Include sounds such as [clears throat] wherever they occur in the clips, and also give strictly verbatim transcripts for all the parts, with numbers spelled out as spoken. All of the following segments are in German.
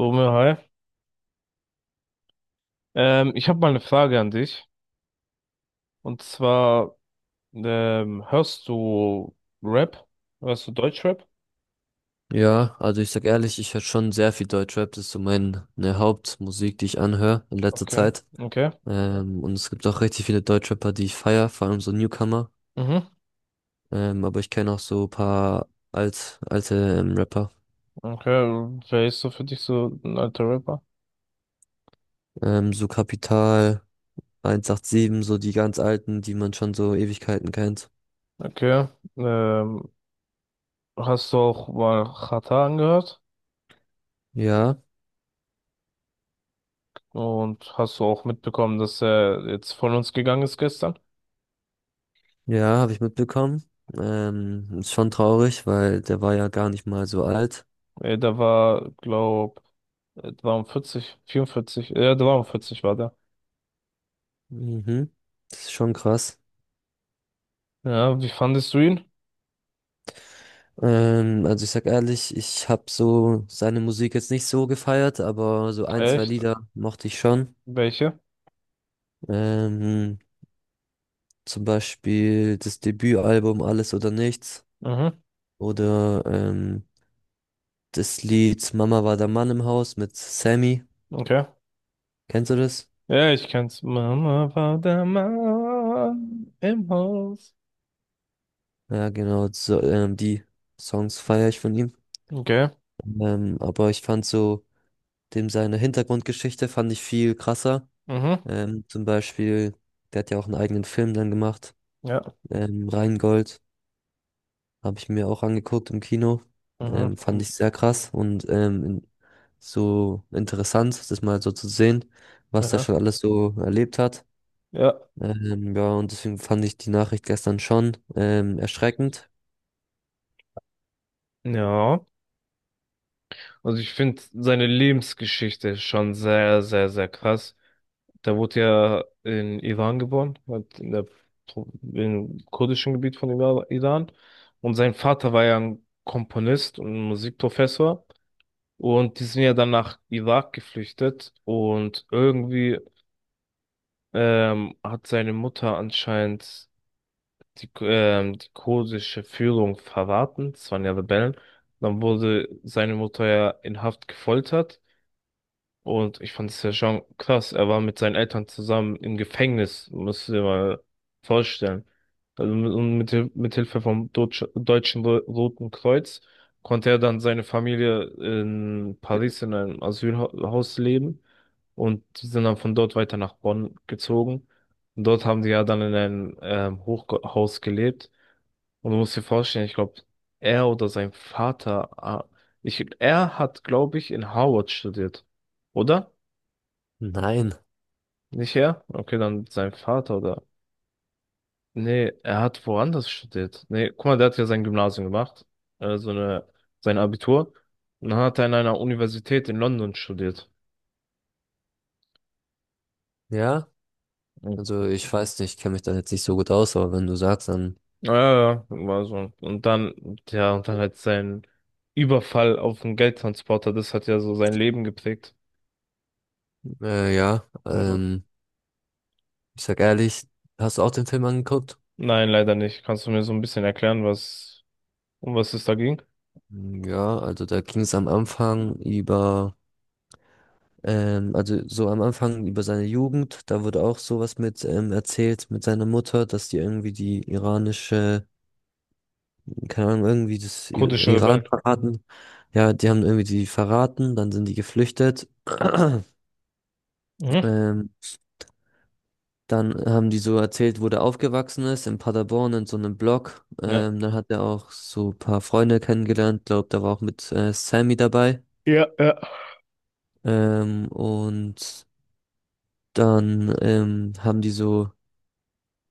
Romeo, hi. Ähm, ich habe mal eine Frage an dich. Und zwar, ähm, hörst du Rap? Hörst du Deutschrap? Ja, also ich sag ehrlich, ich höre schon sehr viel Deutschrap. Das ist so meine Hauptmusik, die ich anhöre in letzter Okay, Zeit. okay. Ähm, und es gibt auch richtig viele Deutschrapper, die ich feier, vor allem so Newcomer. Mhm. Ähm, aber ich kenne auch so paar alt, alte ähm, Rapper. Okay, wer ist so für dich so ein alter Rapper? Ähm, so Capital, hundertsiebenundachtzig, so die ganz alten, die man schon so Ewigkeiten kennt. Okay. Ähm, hast du auch mal Xatar angehört? Ja, Und hast du auch mitbekommen, dass er jetzt von uns gegangen ist gestern? ja, habe ich mitbekommen. Ähm, ist schon traurig, weil der war ja gar nicht mal so alt. Äh, der war, glaub, äh, dreiundvierzig, vierundvierzig, äh, dreiundvierzig war der. Mhm. Das ist schon krass. Ja, wie fandest du ihn? Ähm, also ich sag ehrlich, ich habe so seine Musik jetzt nicht so gefeiert, aber so ein, zwei Echt? Lieder mochte ich schon. Welche? Ähm, zum Beispiel das Debütalbum Alles oder Nichts Mhm. oder ähm, das Lied Mama war der Mann im Haus mit Sammy. Okay. Kennst du das? Ja, ich kenn's. Mama war der Mann im Haus. Ja, genau. So, ähm, die Songs feiere ich von ihm. Okay. Ähm, aber ich fand so dem seine Hintergrundgeschichte fand ich viel krasser. Mhm. Ähm, zum Beispiel, der hat ja auch einen eigenen Film dann gemacht, Ja. ähm, Reingold. Habe ich mir auch angeguckt im Kino. Mhm. Ähm, fand ich sehr krass und ähm, in- so interessant, das mal so zu sehen, was der schon Ja. alles so erlebt hat. Ja. Ähm, ja, und deswegen fand ich die Nachricht gestern schon ähm, erschreckend. Ja. Also ich finde seine Lebensgeschichte schon sehr, sehr, sehr krass. Der wurde ja in Iran geboren, halt in der, Pro- im kurdischen Gebiet von Ira- Iran. Und sein Vater war ja ein Komponist und Musikprofessor. Und die sind ja dann nach Irak geflüchtet, und irgendwie ähm, hat seine Mutter anscheinend die, ähm, die kurdische Führung verraten. Es waren ja Rebellen. Dann wurde seine Mutter ja in Haft gefoltert. Und ich fand es ja schon krass. Er war mit seinen Eltern zusammen im Gefängnis, musst du dir mal vorstellen. Also mit, und mit, Hil- mit Hilfe vom Deutsch, Deutschen Ro- Roten Kreuz konnte er dann seine Familie in Paris in einem Asylhaus leben. Und die sind dann von dort weiter nach Bonn gezogen. Und dort haben die ja dann in einem ähm, Hochhaus gelebt. Und du musst dir vorstellen, ich glaube, er oder sein Vater, ah, ich, er hat, glaube ich, in Harvard studiert, oder? Nein, Nicht er? Okay, dann sein Vater oder. Nee, er hat woanders studiert. Nee, guck mal, der hat ja sein Gymnasium gemacht. Äh, so eine, Sein Abitur. Und dann hat er an einer Universität in London studiert. ja. Mhm. Also ich weiß nicht, ich kenne mich da jetzt nicht so gut aus, aber wenn du sagst, dann Ja, ja, ja, war so. Und dann, ja, und dann halt sein Überfall auf den Geldtransporter, das hat ja so sein Leben geprägt. äh, ja. Aber Ähm, ich sag ehrlich, hast du auch den Film angeguckt? nein, leider nicht. Kannst du mir so ein bisschen erklären, was, um was es da ging? Ja, also da ging es am Anfang über. Ähm, also so am Anfang über seine Jugend, da wurde auch sowas mit ähm, erzählt mit seiner Mutter, dass die irgendwie die iranische, keine Ahnung, irgendwie das I Kurdische Iran Rebellen. verraten. Ja, die haben irgendwie die verraten, dann sind die geflüchtet. [clears throat] Mhm. Ähm, dann haben die so erzählt, wo der aufgewachsen ist, in Paderborn in so einem Block. Ja. Ähm, dann hat er auch so ein paar Freunde kennengelernt, glaubt, da war auch mit äh, Sammy dabei. Ja, ja. Ähm, und dann ähm, haben die so.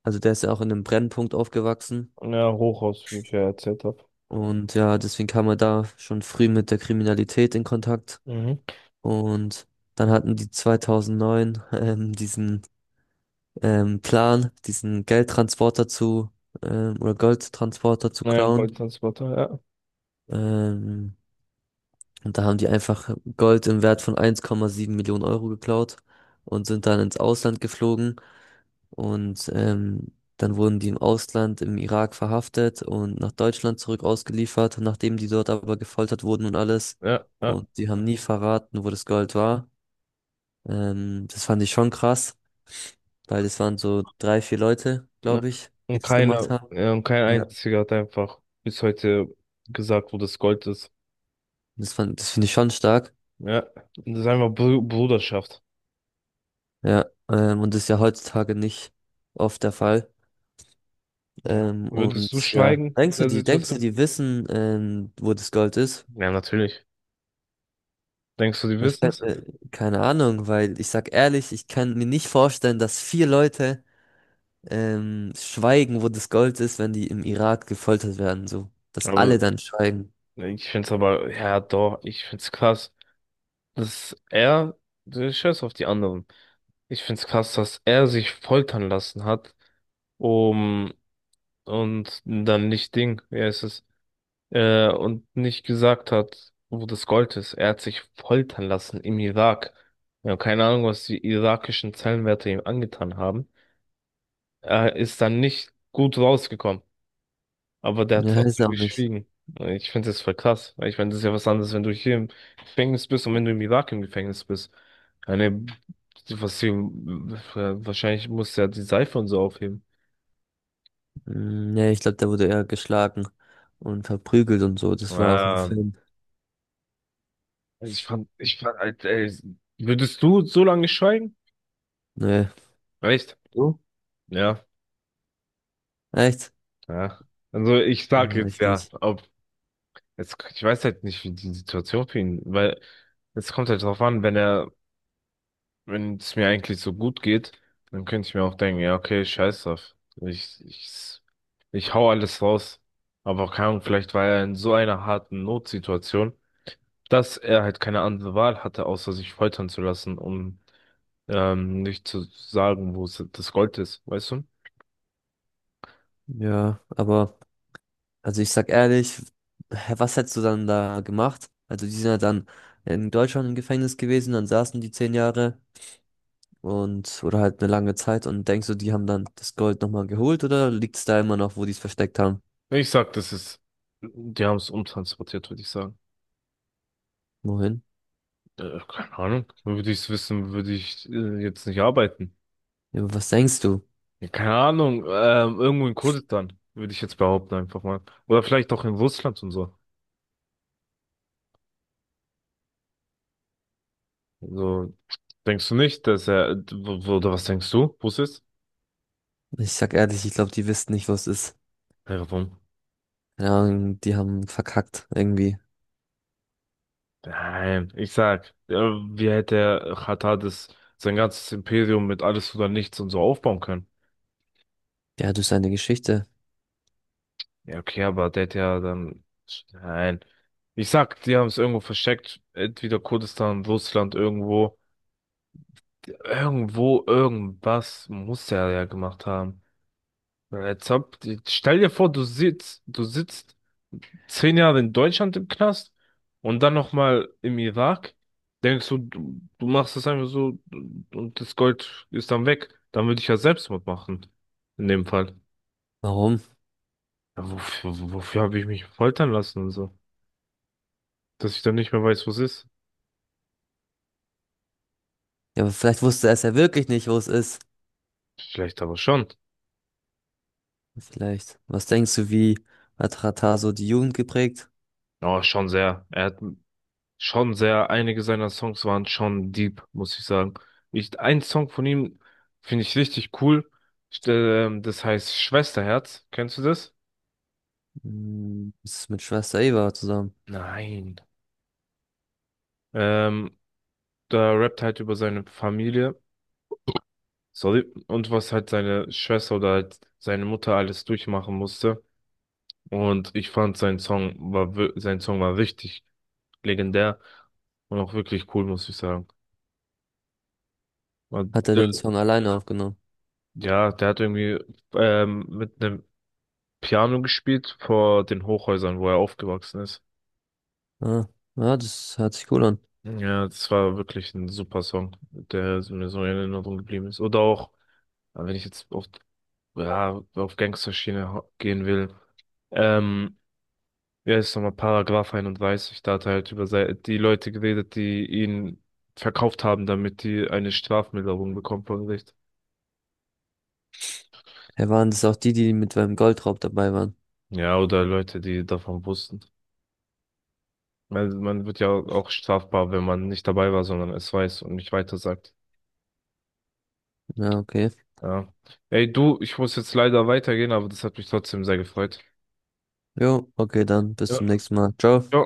Also der ist ja auch in einem Brennpunkt aufgewachsen Ja, Hochausflüge erzählt habe. und ja, deswegen kam er da schon früh mit der Kriminalität in Kontakt. Mhm. Und dann hatten die zweitausendneun [laughs] ähm, diesen ähm, Plan, diesen Geldtransporter zu ähm, oder Goldtransporter zu Ja, klauen. Goldtransporter, ja. Ähm, und da haben die einfach Gold im Wert von eins Komma sieben Millionen Euro geklaut und sind dann ins Ausland geflogen. Und ähm, dann wurden die im Ausland, im Irak verhaftet und nach Deutschland zurück ausgeliefert, nachdem die dort aber gefoltert wurden und alles. Ja, ja, Und die haben nie verraten, wo das Gold war. Ähm, das fand ich schon krass, weil es waren so drei, vier Leute, ja. glaube ich, die Und das gemacht keiner, haben. ja, und kein Ja. einziger hat einfach bis heute gesagt, wo das Gold ist. Das fand, das finde ich schon stark. Ja, das ist einfach Br Bruderschaft. Ja, ähm, und das ist ja heutzutage nicht oft der Fall. Ja. Ähm, Würdest du und ja, schweigen in denkst du, der die, denkst du, Situation? die wissen, ähm, wo das Gold ist? Ja, natürlich. Denkst du, die Ich wissen kann, es? äh, Keine Ahnung, weil ich sag ehrlich, ich kann mir nicht vorstellen, dass vier Leute ähm, schweigen, wo das Gold ist, wenn die im Irak gefoltert werden, so. Dass Aber alle dann schweigen. ich find's aber, ja, doch, ich find's krass, dass er, der Scheiß auf die anderen. Ich find's krass, dass er sich foltern lassen hat, um, und dann nicht Ding, ja, es äh, und nicht gesagt hat, wo das Gold ist. Er hat sich foltern lassen im Irak. Ja, keine Ahnung, was die irakischen Zellenwärter ihm angetan haben. Er ist dann nicht gut rausgekommen, aber der hat Ja, ist trotzdem auch nicht. geschwiegen. Ich finde das voll krass, weil, ich meine, das ist ja was anderes, wenn du hier im Gefängnis bist und wenn du im Irak im Gefängnis bist. Eine, Was hier, wahrscheinlich muss ja die Seife und so aufheben. Mm, nee, ich glaube, der wurde eher geschlagen und verprügelt und so. Das war auch im Ja, Film. also ich fand, ich fand, halt, ey, würdest du so lange schweigen? Nee. Echt? Du? Ja. Echt? Ja. Also ich sag Ja, jetzt ja, richtig. ob jetzt, ich weiß halt nicht, wie die Situation für ihn, weil es kommt halt drauf an, wenn er, wenn es mir eigentlich so gut geht, dann könnte ich mir auch denken, ja, okay, scheiß drauf. Ich, ich, ich hau alles raus. Aber keine Ahnung, vielleicht war er in so einer harten Notsituation, dass er halt keine andere Wahl hatte, außer sich foltern zu lassen, um ähm, nicht zu sagen, wo es- das Gold ist, weißt du? Ja, aber, also ich sag ehrlich, hä, was hättest du dann da gemacht? Also die sind ja dann in Deutschland im Gefängnis gewesen, dann saßen die zehn Jahre. Und oder halt eine lange Zeit und denkst du, die haben dann das Gold nochmal geholt oder liegt es da immer noch, wo die es versteckt haben? Ich sag, das ist, die haben es umtransportiert, würde ich sagen. Wohin? Äh, keine Ahnung. Würde ich es wissen, würde ich äh, jetzt nicht arbeiten. Ja, aber was denkst du? Ja, keine Ahnung. Ähm, irgendwo in Kurdistan, würde ich jetzt behaupten, einfach mal. Oder vielleicht auch in Russland und so. So, denkst du nicht, dass er, w- oder was denkst du, wo es ist? Ich sag ehrlich, ich glaube, die wissen nicht, was es ist. Ja, warum? Keine, die haben verkackt irgendwie. Nein, ich sag, äh, wie hätte er Katar das, sein ganzes Imperium mit alles oder nichts und so aufbauen können? Ja, das ist eine Geschichte. Ja, okay, aber der hätte ja dann, nein. Ich sag, die haben es irgendwo versteckt, entweder Kurdistan, Russland irgendwo. Irgendwo, irgendwas muss er ja gemacht haben. Jetzt hab, Stell dir vor, du sitzt, du sitzt zehn Jahre in Deutschland im Knast und dann nochmal im Irak. Denkst du, du, du machst das einfach so und das Gold ist dann weg. Dann würde ich ja Selbstmord machen. In dem Fall. Warum? Ja, wofür, wofür habe ich mich foltern lassen und so? Dass ich dann nicht mehr weiß, was ist. Ja, aber vielleicht wusste er es ja wirklich nicht, wo es ist. Vielleicht aber schon. Vielleicht. Was denkst du, wie hat Rata so die Jugend geprägt? Aber schon sehr. Er hat, Schon sehr, einige seiner Songs waren schon deep, muss ich sagen. Ich, ein Song von ihm finde ich richtig cool. St- ähm, Das heißt Schwesterherz. Kennst du das? Hm, das ist mit Schwester Eva zusammen. Nein. Ähm, da rappt halt über seine Familie. Sorry. Und was halt seine Schwester oder halt seine Mutter alles durchmachen musste. Und ich fand sein Song war, wir- sein Song war richtig legendär und auch wirklich cool, muss ich sagen. Und, Hat er äh, den Song alleine aufgenommen? ja, der hat irgendwie ähm, mit einem Piano gespielt vor den Hochhäusern, wo er aufgewachsen ist. Ah, ja, das hört sich cool an. Ja, das war wirklich ein super Song, der so- mir so in Erinnerung geblieben ist. Oder auch, äh, wenn ich jetzt auf, ja, auf Gangsterschiene hau- gehen will, ähm, ja, ist nochmal Paragraph einunddreißig, da hat er halt über sei- die Leute geredet, die ihn verkauft haben, damit die eine Strafmilderung bekommen vom Gericht. Er waren das auch die, die mit beim Goldraub dabei waren. Ja, oder Leute, die davon wussten. Weil man wird ja auch strafbar, wenn man nicht dabei war, sondern es weiß und nicht weitersagt. Ja, okay. Ja. Ey, du, ich muss jetzt leider weitergehen, aber das hat mich trotzdem sehr gefreut. Jo, okay, dann bis Ja. zum nächsten Mal. Ciao. Ja.